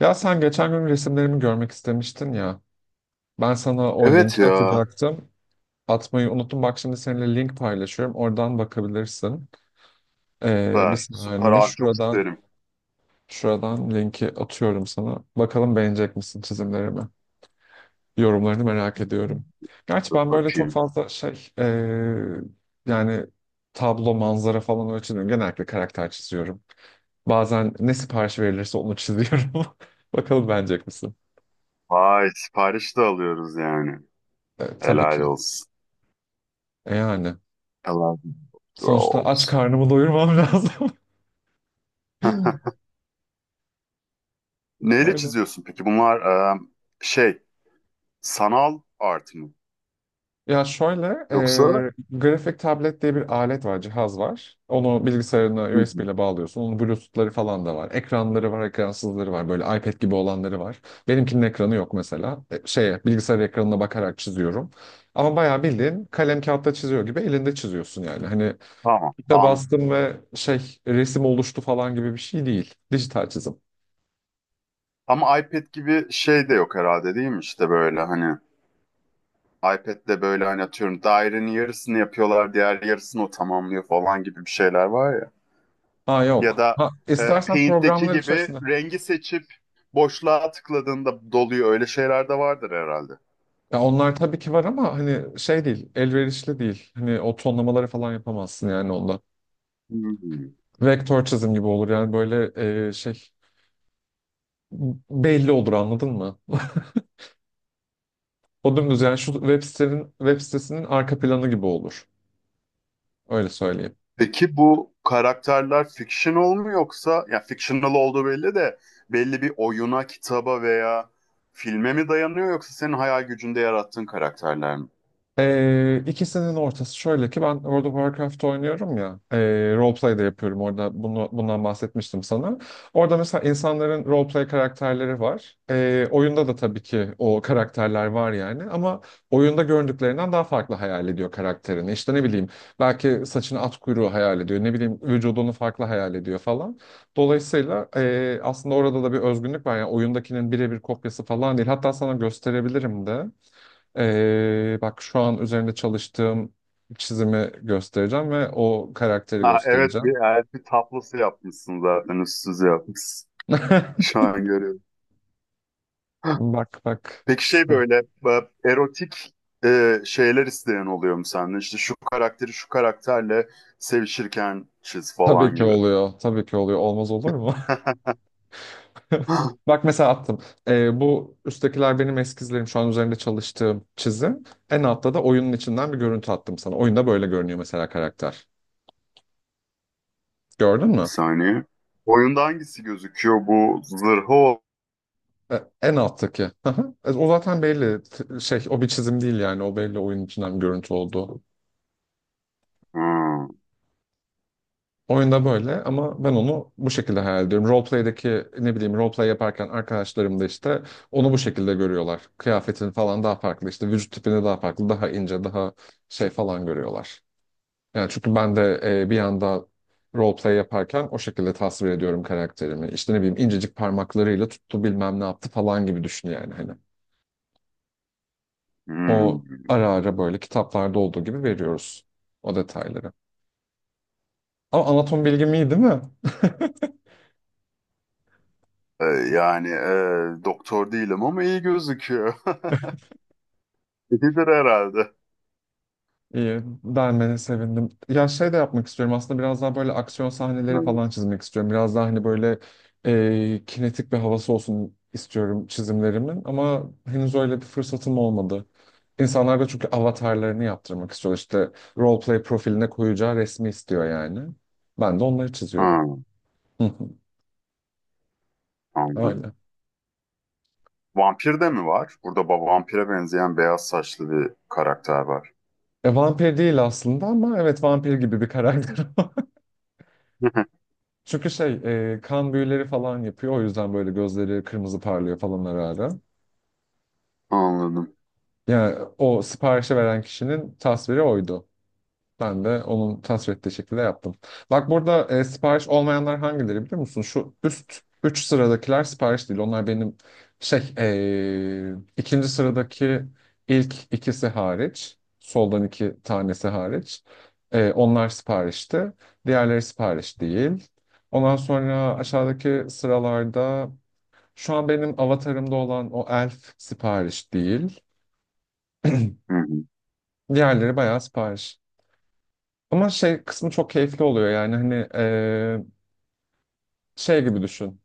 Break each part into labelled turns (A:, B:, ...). A: Ya sen geçen gün resimlerimi görmek istemiştin ya. Ben sana o
B: Evet
A: linki
B: ya.
A: atacaktım. Atmayı unuttum. Bak şimdi seninle link paylaşıyorum. Oradan bakabilirsin. Bir
B: Süper. Süper
A: saniye
B: abi, çok
A: şuradan
B: isterim.
A: şuradan linki atıyorum sana. Bakalım beğenecek misin çizimlerimi? Yorumlarını merak ediyorum. Gerçi
B: Dur
A: ben böyle çok
B: bakayım.
A: fazla şey yani tablo, manzara falan öyle çizmiyorum. Genellikle karakter çiziyorum. Bazen ne sipariş verilirse onu çiziyorum. Bakalım beğenecek misin?
B: Vay, sipariş de alıyoruz yani.
A: Tabii
B: Helal
A: ki.
B: olsun.
A: Yani.
B: Helal
A: Sonuçta aç
B: olsun.
A: karnımı doyurmam lazım.
B: Neyle
A: Öyle.
B: çiziyorsun peki? Bunlar e, şey, sanal art mı?
A: Ya şöyle,
B: Yoksa?
A: grafik tablet diye bir alet var, cihaz var. Onu bilgisayarına
B: Hı hı.
A: USB ile bağlıyorsun. Onun Bluetooth'ları falan da var. Ekranları var, ekransızları var. Böyle iPad gibi olanları var. Benimkinin ekranı yok mesela. Şeye, bilgisayar ekranına bakarak çiziyorum. Ama bayağı bildiğin kalem kağıtta çiziyor gibi elinde çiziyorsun yani. Hani
B: Tamam.
A: de
B: An
A: bastım ve şey resim oluştu falan gibi bir şey değil. Dijital çizim.
B: ama iPad gibi şey de yok herhalde, değil mi? İşte böyle hani iPad'de böyle hani atıyorum dairenin yarısını yapıyorlar, diğer yarısını o tamamlıyor falan gibi bir şeyler var ya.
A: Ha
B: Ya
A: yok.
B: da
A: Ha, istersen
B: Paint'teki
A: programlar
B: gibi
A: içerisinde.
B: rengi seçip boşluğa tıkladığında doluyor. Öyle şeyler de vardır herhalde.
A: Ya onlar tabii ki var ama hani şey değil, elverişli değil. Hani o tonlamaları falan yapamazsın yani onda.
B: Hmm.
A: Vektör çizim gibi olur yani böyle şey belli olur anladın mı? O dümdüz yani şu web sitenin, web sitesinin arka planı gibi olur. Öyle söyleyeyim.
B: Peki bu karakterler fictional mu, yoksa ya fictional olduğu belli de belli bir oyuna, kitaba veya filme mi dayanıyor, yoksa senin hayal gücünde yarattığın karakterler mi?
A: İkisinin ortası şöyle ki ben World of Warcraft oynuyorum ya, roleplay da yapıyorum orada bunu, bundan bahsetmiştim sana. Orada mesela insanların roleplay karakterleri var. Oyunda da tabii ki o karakterler var yani ama oyunda göründüklerinden daha farklı hayal ediyor karakterini. İşte ne bileyim belki saçını at kuyruğu hayal ediyor, ne bileyim vücudunu farklı hayal ediyor falan. Dolayısıyla aslında orada da bir özgünlük var yani oyundakinin birebir kopyası falan değil, hatta sana gösterebilirim de. Bak şu an üzerinde çalıştığım çizimi göstereceğim ve o karakteri
B: Ha evet,
A: göstereceğim.
B: bir elfi tablosu yapmışsın, zaten üstsüz yapmışsın. Şu an görüyorum.
A: Bak bak
B: Peki şey
A: şu.
B: böyle erotik, şeyler isteyen oluyor mu senden? İşte şu karakteri şu karakterle sevişirken çiz
A: Tabii
B: falan
A: ki
B: gibi.
A: oluyor. Tabii ki oluyor. Olmaz olur mu? Bak mesela attım. Bu üsttekiler benim eskizlerim. Şu an üzerinde çalıştığım çizim. En altta da oyunun içinden bir görüntü attım sana. Oyunda böyle görünüyor mesela karakter. Gördün
B: Bir
A: mü?
B: saniye. Oyunda hangisi gözüküyor? Bu zırhı o.
A: E, En alttaki. Hı hı. O zaten belli. Şey, o bir çizim değil yani. O belli oyunun içinden bir görüntü oldu.
B: Hmm,
A: Oyunda böyle ama ben onu bu şekilde hayal ediyorum. Roleplay'deki, ne bileyim, roleplay yaparken arkadaşlarım da işte onu bu şekilde görüyorlar. Kıyafetin falan daha farklı, işte vücut tipini daha farklı, daha ince, daha şey falan görüyorlar. Yani çünkü ben de bir anda roleplay yaparken o şekilde tasvir ediyorum karakterimi. İşte ne bileyim, incecik parmaklarıyla tuttu, bilmem ne yaptı falan gibi düşün yani hani. O
B: hmm.
A: ara ara böyle kitaplarda olduğu gibi veriyoruz o detayları. Ama anatom bilgim iyi değil mi?
B: Yani, doktor değilim ama iyi gözüküyor. İyidir herhalde.
A: İyi, beğenmene sevindim. Ya şey de yapmak istiyorum aslında, biraz daha böyle aksiyon sahneleri
B: Yani,
A: falan çizmek istiyorum. Biraz daha hani böyle kinetik bir havası olsun istiyorum çizimlerimin. Ama henüz öyle bir fırsatım olmadı. İnsanlar da çünkü avatarlarını yaptırmak istiyor. İşte roleplay profiline koyacağı resmi istiyor yani. Ben de onları çiziyorum.
B: hmm,
A: Hı hı.
B: anladım.
A: Öyle.
B: Vampir de mi var? Burada vampire benzeyen beyaz saçlı bir karakter var.
A: Vampir değil aslında ama evet vampir gibi bir karakter. Çünkü şey, kan büyüleri falan yapıyor. O yüzden böyle gözleri kırmızı parlıyor falan ara ara.
B: Anladım.
A: Yani o siparişi veren kişinin tasviri oydu. Ben de onun tasvir ettiği şekilde yaptım. Bak burada sipariş olmayanlar hangileri biliyor musun? Şu üst 3 sıradakiler sipariş değil. Onlar benim şey, ikinci sıradaki ilk ikisi hariç. Soldan iki tanesi hariç. Onlar siparişti. Diğerleri sipariş değil. Ondan sonra aşağıdaki sıralarda şu an benim avatarımda olan o elf sipariş değil.
B: Hı hı.
A: Diğerleri bayağı sipariş. Ama şey kısmı çok keyifli oluyor yani hani şey gibi düşün.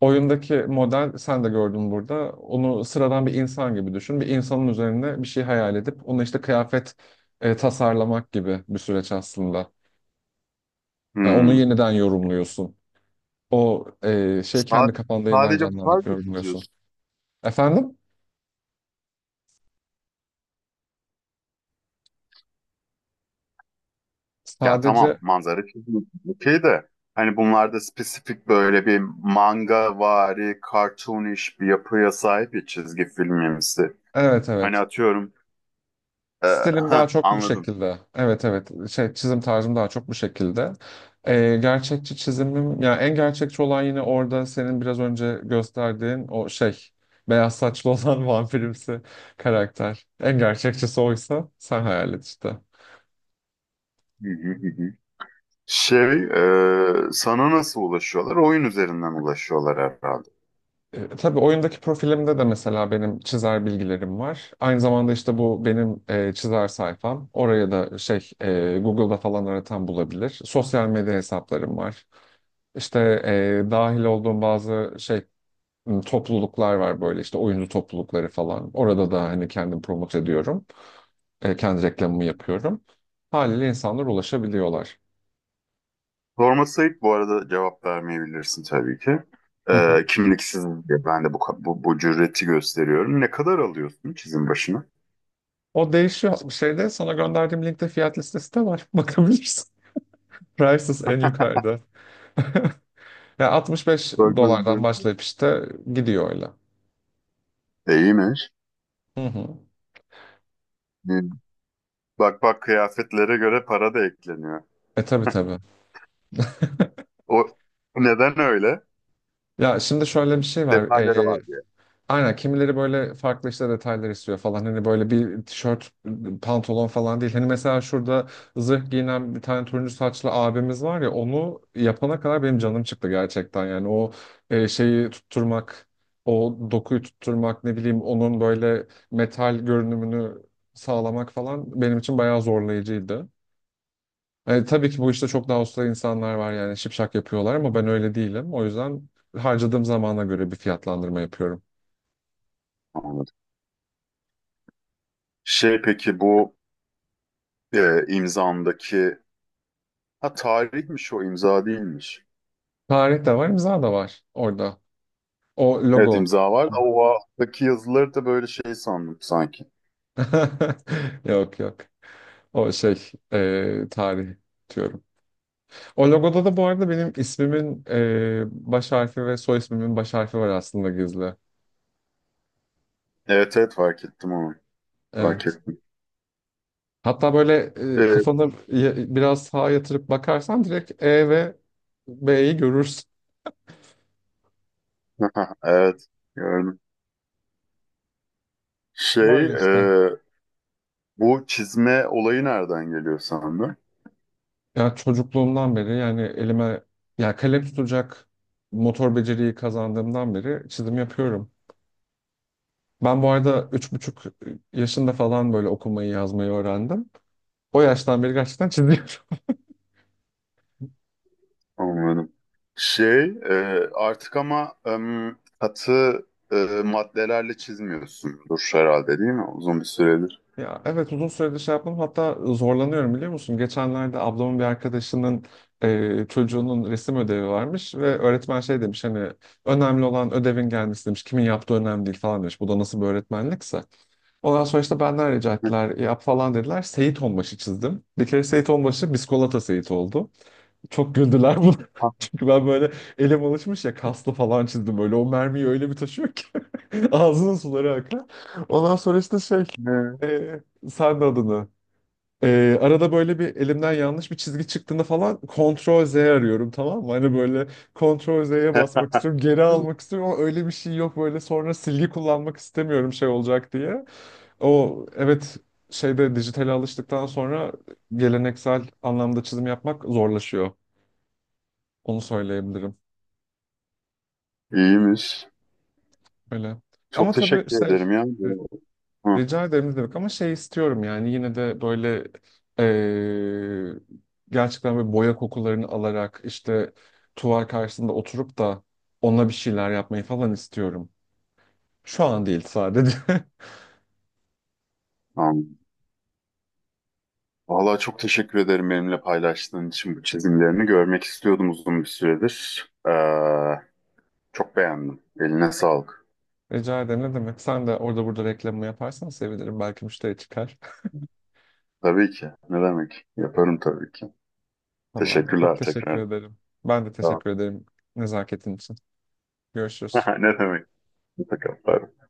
A: Oyundaki model sen de gördün burada. Onu sıradan bir insan gibi düşün. Bir insanın üzerine bir şey hayal edip onu işte kıyafet tasarlamak gibi bir süreç aslında. Yani onu
B: Hmm.
A: yeniden yorumluyorsun. O şey,
B: Sa-
A: kendi kafanda yeniden
B: sadece
A: canlandırıp
B: park mı
A: yorumluyorsun.
B: çiziyorsun?
A: Efendim?
B: Yani tamam,
A: Sadece
B: manzara çiziyorsun. Okey de hani bunlarda spesifik böyle bir manga vari, cartoonish bir yapıya sahip ya, çizgi filmimsi.
A: evet
B: Hani
A: evet.
B: atıyorum e,
A: Stilim daha çok bu
B: anladım.
A: şekilde. Evet evet, şey, çizim tarzım daha çok bu şekilde. Gerçekçi çizimim yani, en gerçekçi olan yine orada senin biraz önce gösterdiğin o şey, beyaz saçlı olan, vampirimsi karakter. En gerçekçisi oysa sen hayal et işte.
B: Hı hı, hı hı. Şey, sana nasıl ulaşıyorlar? Oyun üzerinden ulaşıyorlar herhalde.
A: Tabii oyundaki profilimde de mesela benim çizer bilgilerim var. Aynı zamanda işte bu benim çizer sayfam. Oraya da şey, Google'da falan aratan bulabilir. Sosyal medya hesaplarım var. İşte dahil olduğum bazı şey, topluluklar var, böyle işte oyuncu toplulukları falan. Orada da hani kendim promote ediyorum. Kendi reklamımı yapıyorum. Haliyle insanlar ulaşabiliyorlar.
B: Sorması ayıp bu arada, cevap vermeyebilirsin tabii ki.
A: Hı hı.
B: E, kimliksiz diye ben de bu cüreti gösteriyorum. Ne kadar alıyorsun çizim başına?
A: O değişiyor. Şeyde sana gönderdiğim linkte fiyat listesi de var. Bakabilirsin. Prices en yukarıda. Ya 65
B: Bakma.
A: dolardan başlayıp işte gidiyor öyle.
B: E, İyiymiş.
A: Hı hı.
B: Bir- Bak bak, kıyafetlere göre para da ekleniyor.
A: Tabii tabii.
B: O neden öyle?
A: Ya şimdi şöyle bir şey var.
B: Detayları var diye.
A: Aynen, kimileri böyle farklı işte detaylar istiyor falan. Hani böyle bir tişört, pantolon falan değil. Hani mesela şurada zırh giyinen bir tane turuncu saçlı abimiz var ya, onu yapana kadar benim canım çıktı gerçekten. Yani o şeyi tutturmak, o dokuyu tutturmak, ne bileyim onun böyle metal görünümünü sağlamak falan benim için bayağı zorlayıcıydı. Tabii ki bu işte çok daha usta insanlar var yani, şipşak yapıyorlar ama ben öyle değilim. O yüzden harcadığım zamana göre bir fiyatlandırma yapıyorum.
B: Anladım. Şey peki bu imzandaki, ha tarihmiş, o imza değilmiş.
A: Tarih de var, imza da var orada. O
B: Evet
A: logo.
B: imza var da o alttaki yazıları da böyle şey sandım sanki.
A: Yok yok. O şey, tarih diyorum. O logoda da bu arada benim ismimin baş harfi ve soy ismimin baş harfi var aslında, gizli.
B: Evet evet, fark ettim onu. Fark
A: Evet.
B: ettim.
A: Hatta böyle
B: Evet.
A: kafanı biraz sağa yatırıp bakarsan direkt E ve B'yi görürsün.
B: Evet, gördüm. Şey,
A: Böyle işte.
B: e, bu çizme olayı nereden geliyor sandın?
A: Ya çocukluğumdan beri yani, elime ya kalem tutacak motor beceriyi kazandığımdan beri çizim yapıyorum. Ben bu arada 3,5 yaşında falan böyle okumayı yazmayı öğrendim. O yaştan beri gerçekten çiziyorum.
B: Anladım. Şey, artık ama katı e, maddelerle çizmiyorsundur herhalde, değil mi? Uzun bir süredir.
A: Ya evet, uzun süredir şey yapmam hatta, zorlanıyorum biliyor musun? Geçenlerde ablamın bir arkadaşının çocuğunun resim ödevi varmış ve öğretmen şey demiş hani, önemli olan ödevin gelmesi demiş. Kimin yaptığı önemli değil falan demiş. Bu da nasıl bir öğretmenlikse. Ondan sonra işte benden rica ettiler, yap falan dediler. Seyit Onbaşı çizdim. Bir kere Seyit Onbaşı biskolata Seyit oldu. Çok güldüler buna.
B: Ha,
A: Çünkü ben böyle elim alışmış ya, kaslı falan çizdim böyle. O mermiyi öyle bir taşıyor ki. Ağzının suları akar. Ondan sonra işte şey,
B: e,
A: e, sen de adını. Arada böyle bir elimden yanlış bir çizgi çıktığında falan Ctrl Z arıyorum tamam mı? Hani böyle Ctrl Z'ye basmak istiyorum, geri almak istiyorum ama öyle bir şey yok böyle, sonra silgi kullanmak istemiyorum şey olacak diye. O evet, şeyde dijitale alıştıktan sonra geleneksel anlamda çizim yapmak zorlaşıyor. Onu söyleyebilirim.
B: İyiymiş.
A: Öyle. Ama
B: Çok
A: tabii
B: teşekkür
A: şey,
B: ederim ya.
A: e,
B: Hı,
A: rica ederim ne demek, ama şey istiyorum yani yine de böyle eee, gerçekten böyle boya kokularını alarak işte tuval karşısında oturup da onunla bir şeyler yapmayı falan istiyorum. Şu an değil sadece.
B: tamam. Vallahi çok teşekkür ederim benimle paylaştığın için bu çizimlerini. Görmek istiyordum uzun bir süredir. Çok beğendim. Eline sağlık.
A: Rica ederim ne demek. Sen de orada burada reklamı yaparsan sevinirim. Belki müşteri çıkar.
B: Tabii ki. Ne demek? Yaparım tabii ki.
A: Tamamdır. Çok
B: Teşekkürler
A: teşekkür
B: tekrar.
A: ederim. Ben de
B: Tamam.
A: teşekkür ederim nezaketin için. Görüşürüz.
B: Ne demek? Hoşça kal. Bay bay.